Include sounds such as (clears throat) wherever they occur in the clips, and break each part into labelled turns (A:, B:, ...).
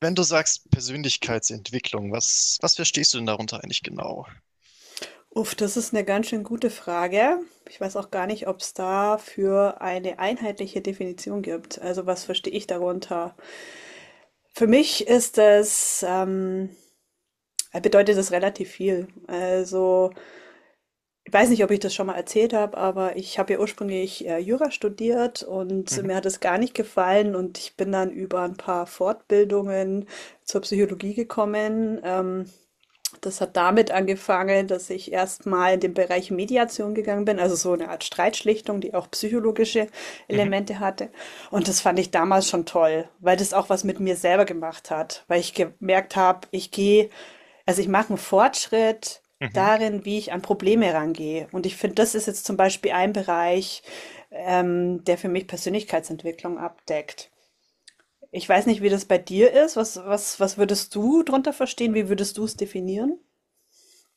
A: Wenn du sagst Persönlichkeitsentwicklung, was verstehst du denn darunter eigentlich genau?
B: Uff, das ist eine ganz schön gute Frage. Ich weiß auch gar nicht, ob's dafür eine einheitliche Definition gibt. Also, was verstehe ich darunter? Für mich ist es, bedeutet das relativ viel. Also, ich weiß nicht, ob ich das schon mal erzählt habe, aber ich habe ja ursprünglich, Jura studiert und
A: Mhm,
B: mir hat es gar nicht gefallen und ich bin dann über ein paar Fortbildungen zur Psychologie gekommen. Das hat damit angefangen, dass ich erst mal in den Bereich Mediation gegangen bin, also so eine Art Streitschlichtung, die auch psychologische
A: mhm,
B: Elemente hatte. Und das fand ich damals schon toll, weil das auch was mit mir selber gemacht hat, weil ich gemerkt habe, ich mache einen Fortschritt
A: mhm.
B: darin, wie ich an Probleme rangehe. Und ich finde, das ist jetzt zum Beispiel ein Bereich, der für mich Persönlichkeitsentwicklung abdeckt. Ich weiß nicht, wie das bei dir ist. Was würdest du drunter verstehen? Wie würdest du es definieren?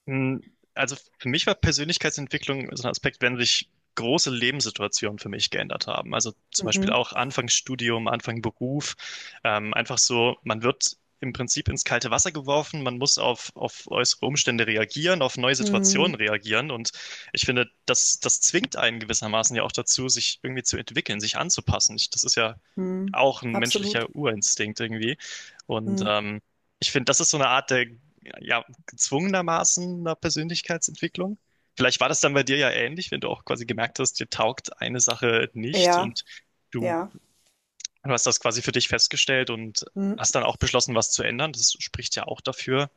A: Mm, Also für mich war Persönlichkeitsentwicklung so ein Aspekt, wenn sich große Lebenssituationen für mich geändert haben. Also zum Beispiel
B: Mhm.
A: auch Anfang Studium, Anfang Beruf. Einfach so, man wird im Prinzip ins kalte Wasser geworfen, man muss auf äußere Umstände reagieren, auf neue Situationen
B: Mhm.
A: reagieren. Und ich finde, das zwingt einen gewissermaßen ja auch dazu, sich irgendwie zu entwickeln, sich anzupassen. Das ist ja
B: Mhm.
A: auch ein menschlicher
B: Absolut.
A: Urinstinkt irgendwie. Und
B: Mhm.
A: ich finde, das ist so eine Art der ja, gezwungenermaßen einer Persönlichkeitsentwicklung. Vielleicht war das dann bei dir ja ähnlich, wenn du auch quasi gemerkt hast, dir taugt eine Sache nicht
B: Ja,
A: und du,
B: ja.
A: du hast das quasi für dich festgestellt und
B: Mhm.
A: hast dann auch beschlossen, was zu ändern. Das spricht ja auch dafür,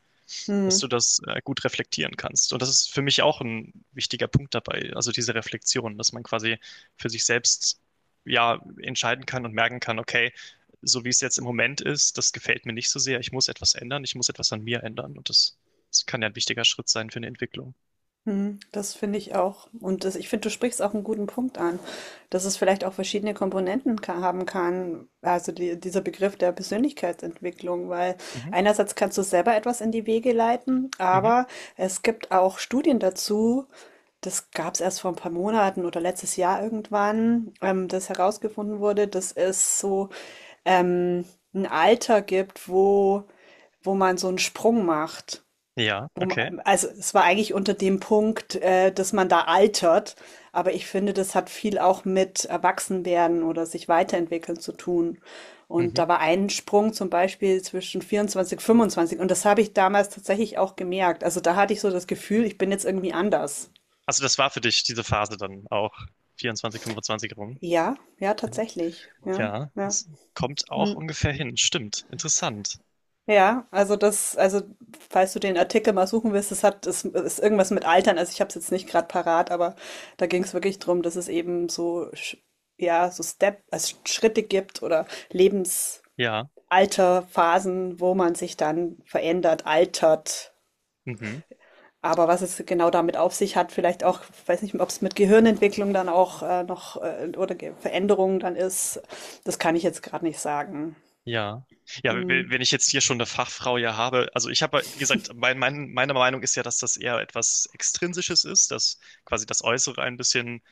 A: dass du
B: Mhm.
A: das gut reflektieren kannst. Und das ist für mich auch ein wichtiger Punkt dabei, also diese Reflexion, dass man quasi für sich selbst ja entscheiden kann und merken kann, okay, so wie es jetzt im Moment ist, das gefällt mir nicht so sehr. Ich muss etwas ändern, ich muss etwas an mir ändern. Und das, das kann ja ein wichtiger Schritt sein für eine Entwicklung.
B: Hm, das finde ich auch. Und das, ich finde, du sprichst auch einen guten Punkt an, dass es vielleicht auch verschiedene Komponenten haben kann, also die, dieser Begriff der Persönlichkeitsentwicklung, weil
A: Mhm.
B: einerseits kannst du selber etwas in die Wege leiten,
A: Mhm.
B: aber es gibt auch Studien dazu. Das gab es erst vor ein paar Monaten oder letztes Jahr irgendwann, das herausgefunden wurde, dass es so ähm, ein Alter gibt, wo man so einen Sprung macht.
A: Ja, okay.
B: Also es war eigentlich unter dem Punkt, dass man da altert, aber ich finde, das hat viel auch mit Erwachsenwerden oder sich weiterentwickeln zu tun. Und
A: Mhm.
B: da war ein Sprung zum Beispiel zwischen 24, 25 und das habe ich damals tatsächlich auch gemerkt. Also da hatte ich so das Gefühl, ich bin jetzt irgendwie anders.
A: Also das war für dich diese Phase dann auch vierundzwanzig 25 rum.
B: Ja, ja,
A: Ähm,
B: tatsächlich. Ja,
A: Ja,
B: ja.
A: es kommt auch
B: Hm.
A: ungefähr hin. Stimmt. Interessant.
B: Also falls du den Artikel mal suchen willst, das ist irgendwas mit Altern. Also ich habe es jetzt nicht gerade parat, aber da ging es wirklich drum, dass es eben ja, so Step, also Schritte gibt oder
A: Ja.
B: Lebensalterphasen, wo man sich dann verändert, altert.
A: Mhm.
B: Aber was es genau damit auf sich hat, vielleicht auch, weiß nicht, ob es mit Gehirnentwicklung dann auch noch oder Veränderungen dann ist, das kann ich jetzt gerade nicht sagen.
A: Ja. Ja,
B: Hm.
A: wenn ich jetzt hier schon eine Fachfrau ja habe, also ich habe, wie gesagt, meine Meinung ist ja, dass das eher etwas Extrinsisches ist, dass quasi das Äußere ein bisschen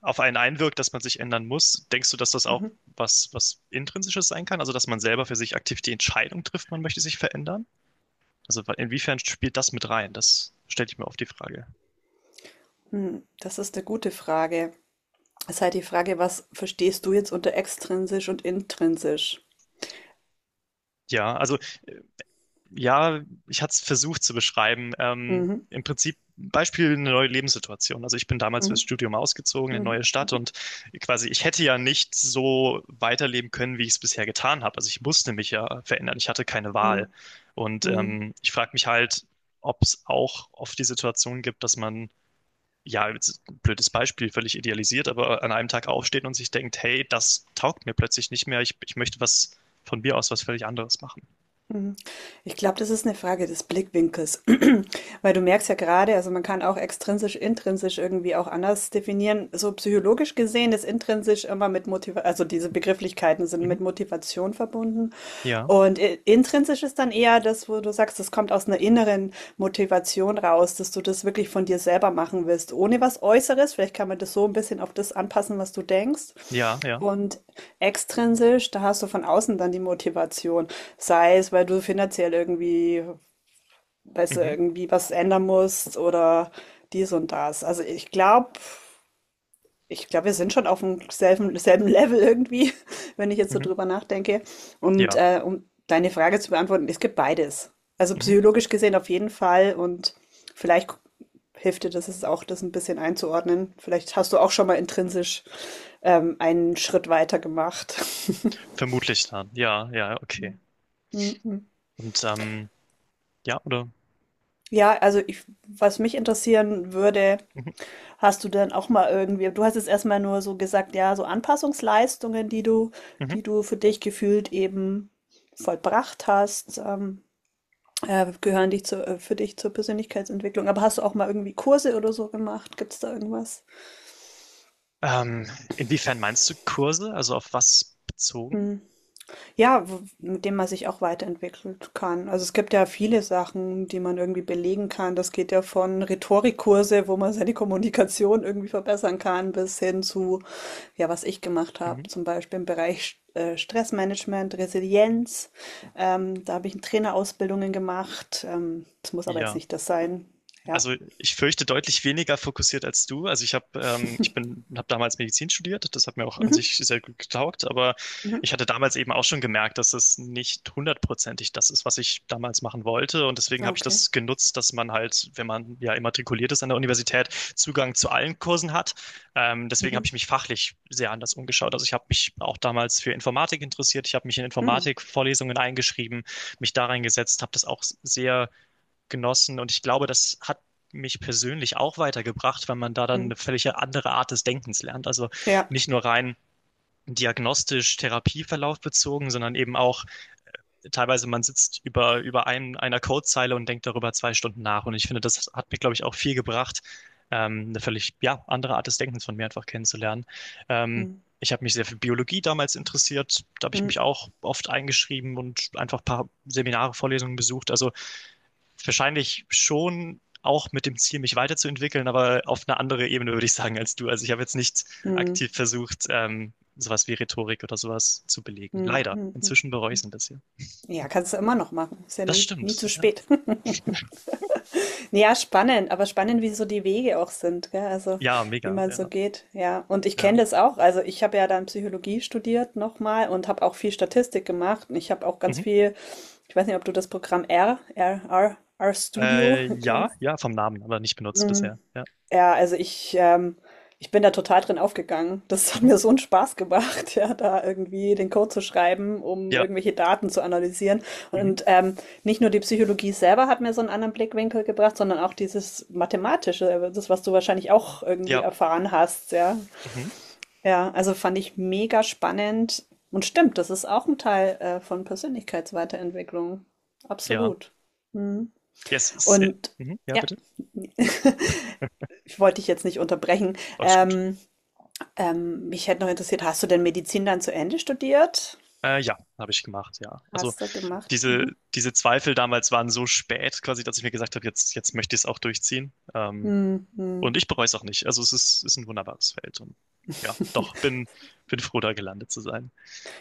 A: auf einen einwirkt, dass man sich ändern muss. Denkst du, dass das auch
B: Mhm.
A: was Intrinsisches sein kann? Also, dass man selber für sich aktiv die Entscheidung trifft, man möchte sich verändern? Also, inwiefern spielt das mit rein? Das stelle ich mir oft die Frage.
B: Hm, das ist eine gute Frage. Es ist halt die Frage, was verstehst du jetzt unter extrinsisch und intrinsisch?
A: Ja, also ja, ich hatte es versucht zu beschreiben. Ähm,
B: Mhm.
A: im Prinzip Beispiel eine neue Lebenssituation. Also ich bin damals fürs
B: Mhm.
A: Studium ausgezogen in eine
B: Mhm.
A: neue Stadt und quasi ich hätte ja nicht so weiterleben können, wie ich es bisher getan habe. Also ich musste mich ja verändern. Ich hatte keine Wahl.
B: Mhm.
A: Und
B: Mhm.
A: ich frage mich halt, ob es auch oft die Situation gibt, dass man ja, jetzt ein blödes Beispiel, völlig idealisiert, aber an einem Tag aufsteht und sich denkt, hey, das taugt mir plötzlich nicht mehr, ich möchte was von mir aus was völlig anderes machen.
B: Mhm. Ich glaube, das ist eine Frage des Blickwinkels, (clears throat) weil du merkst ja gerade, also man kann auch extrinsisch, intrinsisch irgendwie auch anders definieren. So psychologisch gesehen ist intrinsisch immer mit Motivation, also diese Begrifflichkeiten sind
A: Mhm.
B: mit Motivation verbunden.
A: Ja,
B: Und intrinsisch ist dann eher das, wo du sagst, das kommt aus einer inneren Motivation raus, dass du das wirklich von dir selber machen willst, ohne was Äußeres. Vielleicht kann man das so ein bisschen auf das anpassen, was du denkst.
A: ja, ja.
B: Und extrinsisch, da hast du von außen dann die Motivation. Sei es, weil du finanziell irgendwie, weißt du,
A: Mhm,
B: irgendwie was ändern musst oder dies und das. Ich glaube, wir sind schon auf dem selben Level irgendwie, (laughs) wenn ich jetzt so
A: mhm,
B: drüber nachdenke. Und
A: ja,
B: um deine Frage zu beantworten, es gibt beides. Also
A: mhm.
B: psychologisch gesehen auf jeden Fall und vielleicht hilft dir das jetzt auch, das ein bisschen einzuordnen. Vielleicht hast du auch schon mal intrinsisch einen Schritt weiter gemacht. (laughs)
A: Vermutlich dann. Ja, ja, okay.
B: Mhm.
A: Und ja, oder?
B: Ja, also ich, was mich interessieren würde,
A: Mhm,
B: hast du denn auch mal irgendwie, du hast jetzt erstmal nur so gesagt, ja, so Anpassungsleistungen,
A: mhm.
B: die du für dich gefühlt eben vollbracht hast, für dich zur Persönlichkeitsentwicklung. Aber hast du auch mal irgendwie Kurse oder so gemacht? Gibt es da irgendwas?
A: Ähm, inwiefern meinst du Kurse? Also auf was bezogen?
B: Hm. Ja, mit dem man sich auch weiterentwickeln kann. Also es gibt ja viele Sachen, die man irgendwie belegen kann. Das geht ja von Rhetorikkurse, wo man seine Kommunikation irgendwie verbessern kann, bis hin zu, ja, was ich gemacht habe,
A: Mhm.
B: zum Beispiel im Bereich Stressmanagement, Resilienz. Da habe ich Trainerausbildungen gemacht. Das muss aber jetzt
A: Ja.
B: nicht das sein. Ja.
A: Also ich fürchte deutlich weniger fokussiert als du. Also ich habe ich bin habe damals Medizin studiert. Das hat mir auch an
B: Mhm.
A: sich sehr gut getaugt. Aber
B: Mhm.
A: ich hatte damals eben auch schon gemerkt, dass es nicht hundertprozentig das ist, was ich damals machen wollte. Und deswegen
B: Ah,
A: habe ich
B: okay.
A: das genutzt, dass man halt, wenn man ja immatrikuliert ist an der Universität, Zugang zu allen Kursen hat. Deswegen habe
B: Mhm.
A: ich mich fachlich sehr anders umgeschaut. Also ich habe mich auch damals für Informatik interessiert. Ich habe mich in
B: Mhm.
A: Informatikvorlesungen eingeschrieben, mich da reingesetzt, habe das auch sehr genossen. Und ich glaube, das hat mich persönlich auch weitergebracht, weil man da dann
B: Mhm.
A: eine völlig andere Art des Denkens lernt. Also
B: Ja.
A: nicht nur rein diagnostisch Therapieverlauf bezogen, sondern eben auch teilweise man sitzt über einer Codezeile und denkt darüber 2 Stunden nach. Und ich finde, das hat mir, glaube ich, auch viel gebracht, eine völlig, ja, andere Art des Denkens von mir einfach kennenzulernen. Ähm,
B: Mhm.
A: ich habe mich sehr für Biologie damals interessiert. Da habe ich
B: Mhm.
A: mich auch oft eingeschrieben und einfach ein paar Seminare, Vorlesungen besucht. Also wahrscheinlich schon auch mit dem Ziel, mich weiterzuentwickeln, aber auf eine andere Ebene, würde ich sagen, als du. Also ich habe jetzt nicht
B: Mhm.
A: aktiv versucht, sowas wie Rhetorik oder sowas zu belegen.
B: Mhm.
A: Leider.
B: Mhm.
A: Inzwischen bereue ich es ein bisschen.
B: Ja, kannst du immer noch machen. Ist ja
A: Das
B: nie, nie zu
A: stimmt. Ja,
B: spät. (laughs) Ja, spannend, aber spannend, wie so die Wege auch sind, gell? Also
A: ja
B: wie
A: mega.
B: man so
A: Ja,
B: geht. Ja, und ich
A: ja.
B: kenne das auch. Also ich habe ja dann Psychologie studiert nochmal und habe auch viel Statistik gemacht. Und ich habe auch ganz
A: Mhm.
B: viel, ich weiß nicht, ob du das Programm R Studio
A: Äh,
B: (laughs)
A: ja,
B: kennst.
A: ja, vom Namen, aber nicht benutzt
B: Mm.
A: bisher. Ja.
B: Ja, also ich, ich bin da total drin aufgegangen. Das hat
A: Mhm.
B: mir so einen Spaß gemacht, (laughs) ja, da irgendwie den Code zu schreiben, um
A: Ja.
B: irgendwelche Daten zu analysieren.
A: Mhm.
B: Und nicht nur die Psychologie selber hat mir so einen anderen Blickwinkel gebracht, sondern auch dieses Mathematische, das, was du wahrscheinlich auch irgendwie
A: Ja.
B: erfahren hast, ja.
A: Mhm.
B: Ja, also fand ich mega spannend. Und stimmt, das ist auch ein Teil von Persönlichkeitsweiterentwicklung.
A: Ja.
B: Absolut. Mhm.
A: Yes.
B: Und
A: Mhm. Ja,
B: ja,
A: bitte.
B: ich wollte dich jetzt nicht unterbrechen.
A: Alles gut.
B: Mich hätte noch interessiert, hast du denn Medizin dann zu Ende studiert?
A: Ja, habe ich gemacht, ja. Also
B: Hast du gemacht?
A: diese,
B: Mhm.
A: diese Zweifel damals waren so spät, quasi, dass ich mir gesagt habe, jetzt möchte ich es auch durchziehen. Ähm,
B: Hm, hm.
A: und ich bereue es auch nicht. Also es ist ein wunderbares Feld. Und ja,
B: (laughs)
A: doch, bin froh, da gelandet zu sein.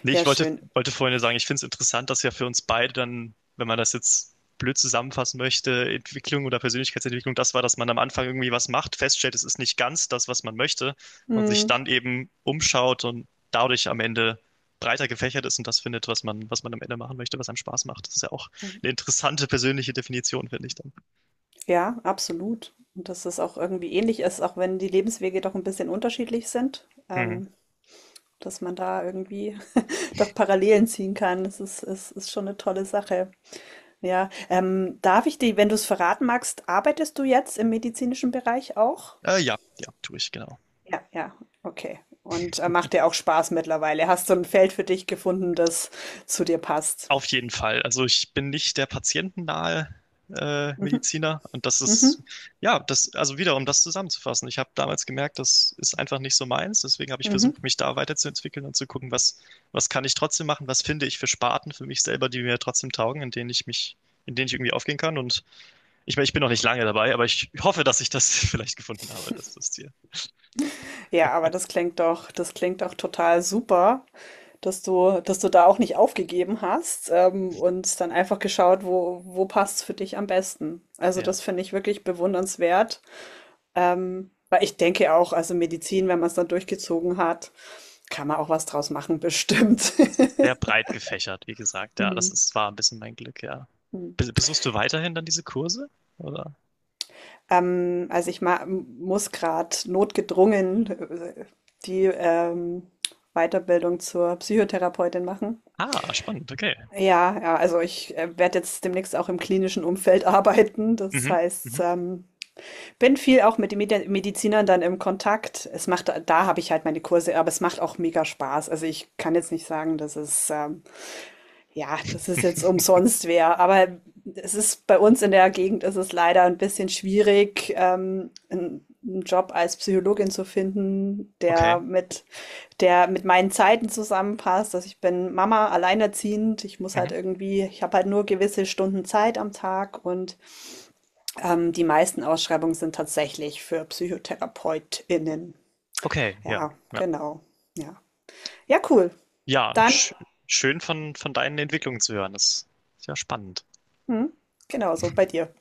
A: Nee, ich
B: Ja,
A: wollte,
B: schön.
A: wollte vorhin nur sagen, ich finde es interessant, dass ja für uns beide dann, wenn man das jetzt blöd zusammenfassen möchte, Entwicklung oder Persönlichkeitsentwicklung, das war, dass man am Anfang irgendwie was macht, feststellt, es ist nicht ganz das, was man möchte und sich
B: Hm,
A: dann eben umschaut und dadurch am Ende breiter gefächert ist und das findet, was man am Ende machen möchte, was einem Spaß macht. Das ist ja auch eine interessante persönliche Definition, finde ich dann.
B: ja, absolut. Und dass es auch irgendwie ähnlich ist, auch wenn die Lebenswege doch ein bisschen unterschiedlich sind,
A: Mhm.
B: dass man da irgendwie (laughs) doch Parallelen ziehen kann. Das ist schon eine tolle Sache. Ja, darf ich dir, wenn du es verraten magst, arbeitest du jetzt im medizinischen Bereich auch?
A: Ja, ja, tue ich, genau.
B: Ja, ja, okay. Und macht dir auch Spaß mittlerweile. Hast du ein Feld für dich gefunden, das zu dir passt?
A: Auf jeden Fall. Also ich bin nicht der patientennahe
B: Mhm,
A: Mediziner und das
B: mhm,
A: ist, ja, das, also wieder, um das zusammenzufassen. Ich habe damals gemerkt, das ist einfach nicht so meins. Deswegen habe ich
B: mhm.
A: versucht, mich da weiterzuentwickeln und zu gucken, was kann ich trotzdem machen, was finde ich für Sparten für mich selber, die mir trotzdem taugen, in denen ich irgendwie aufgehen kann. Und ich meine, ich bin noch nicht lange dabei, aber ich hoffe, dass ich das (laughs) vielleicht gefunden habe. Das ist das Ziel.
B: Ja, aber das klingt doch total super, dass du da auch nicht aufgegeben hast, und dann einfach geschaut, wo, wo passt es für dich am besten. Also
A: Ja,
B: das finde ich wirklich bewundernswert. Weil ich denke auch, also Medizin, wenn man es dann durchgezogen hat, kann man auch was draus machen, bestimmt.
A: es ist sehr
B: (laughs)
A: breit gefächert, wie gesagt. Ja,
B: Hm,
A: das ist, war ein bisschen mein Glück, ja.
B: hm.
A: Besuchst du weiterhin dann diese Kurse? Oder?
B: Also ich ma muss gerade notgedrungen die Weiterbildung zur Psychotherapeutin machen.
A: Ah, spannend, okay.
B: Ja, ja, also ich werde jetzt demnächst auch im klinischen Umfeld (laughs) arbeiten. Das
A: Mhm,
B: heißt,
A: mhm,
B: bin viel auch mit den Medizinern dann im Kontakt. Es macht, da habe ich halt meine Kurse, aber es macht auch mega Spaß. Also ich kann jetzt nicht sagen, dass es ja, das ist jetzt umsonst wer, aber es ist bei uns in der Gegend ist es leider ein bisschen schwierig, einen, einen Job als Psychologin zu finden,
A: okay,
B: der mit meinen Zeiten zusammenpasst. Also ich bin Mama, alleinerziehend. Ich muss halt
A: mhm,
B: irgendwie, ich habe halt nur gewisse Stunden Zeit am Tag und die meisten Ausschreibungen sind tatsächlich für PsychotherapeutInnen.
A: okay, ja,
B: Ja,
A: ja.
B: genau. Ja. Ja, cool.
A: Ja,
B: Dann,
A: schön von deinen Entwicklungen zu hören. Das ist ja spannend.
B: hm, genau so bei dir.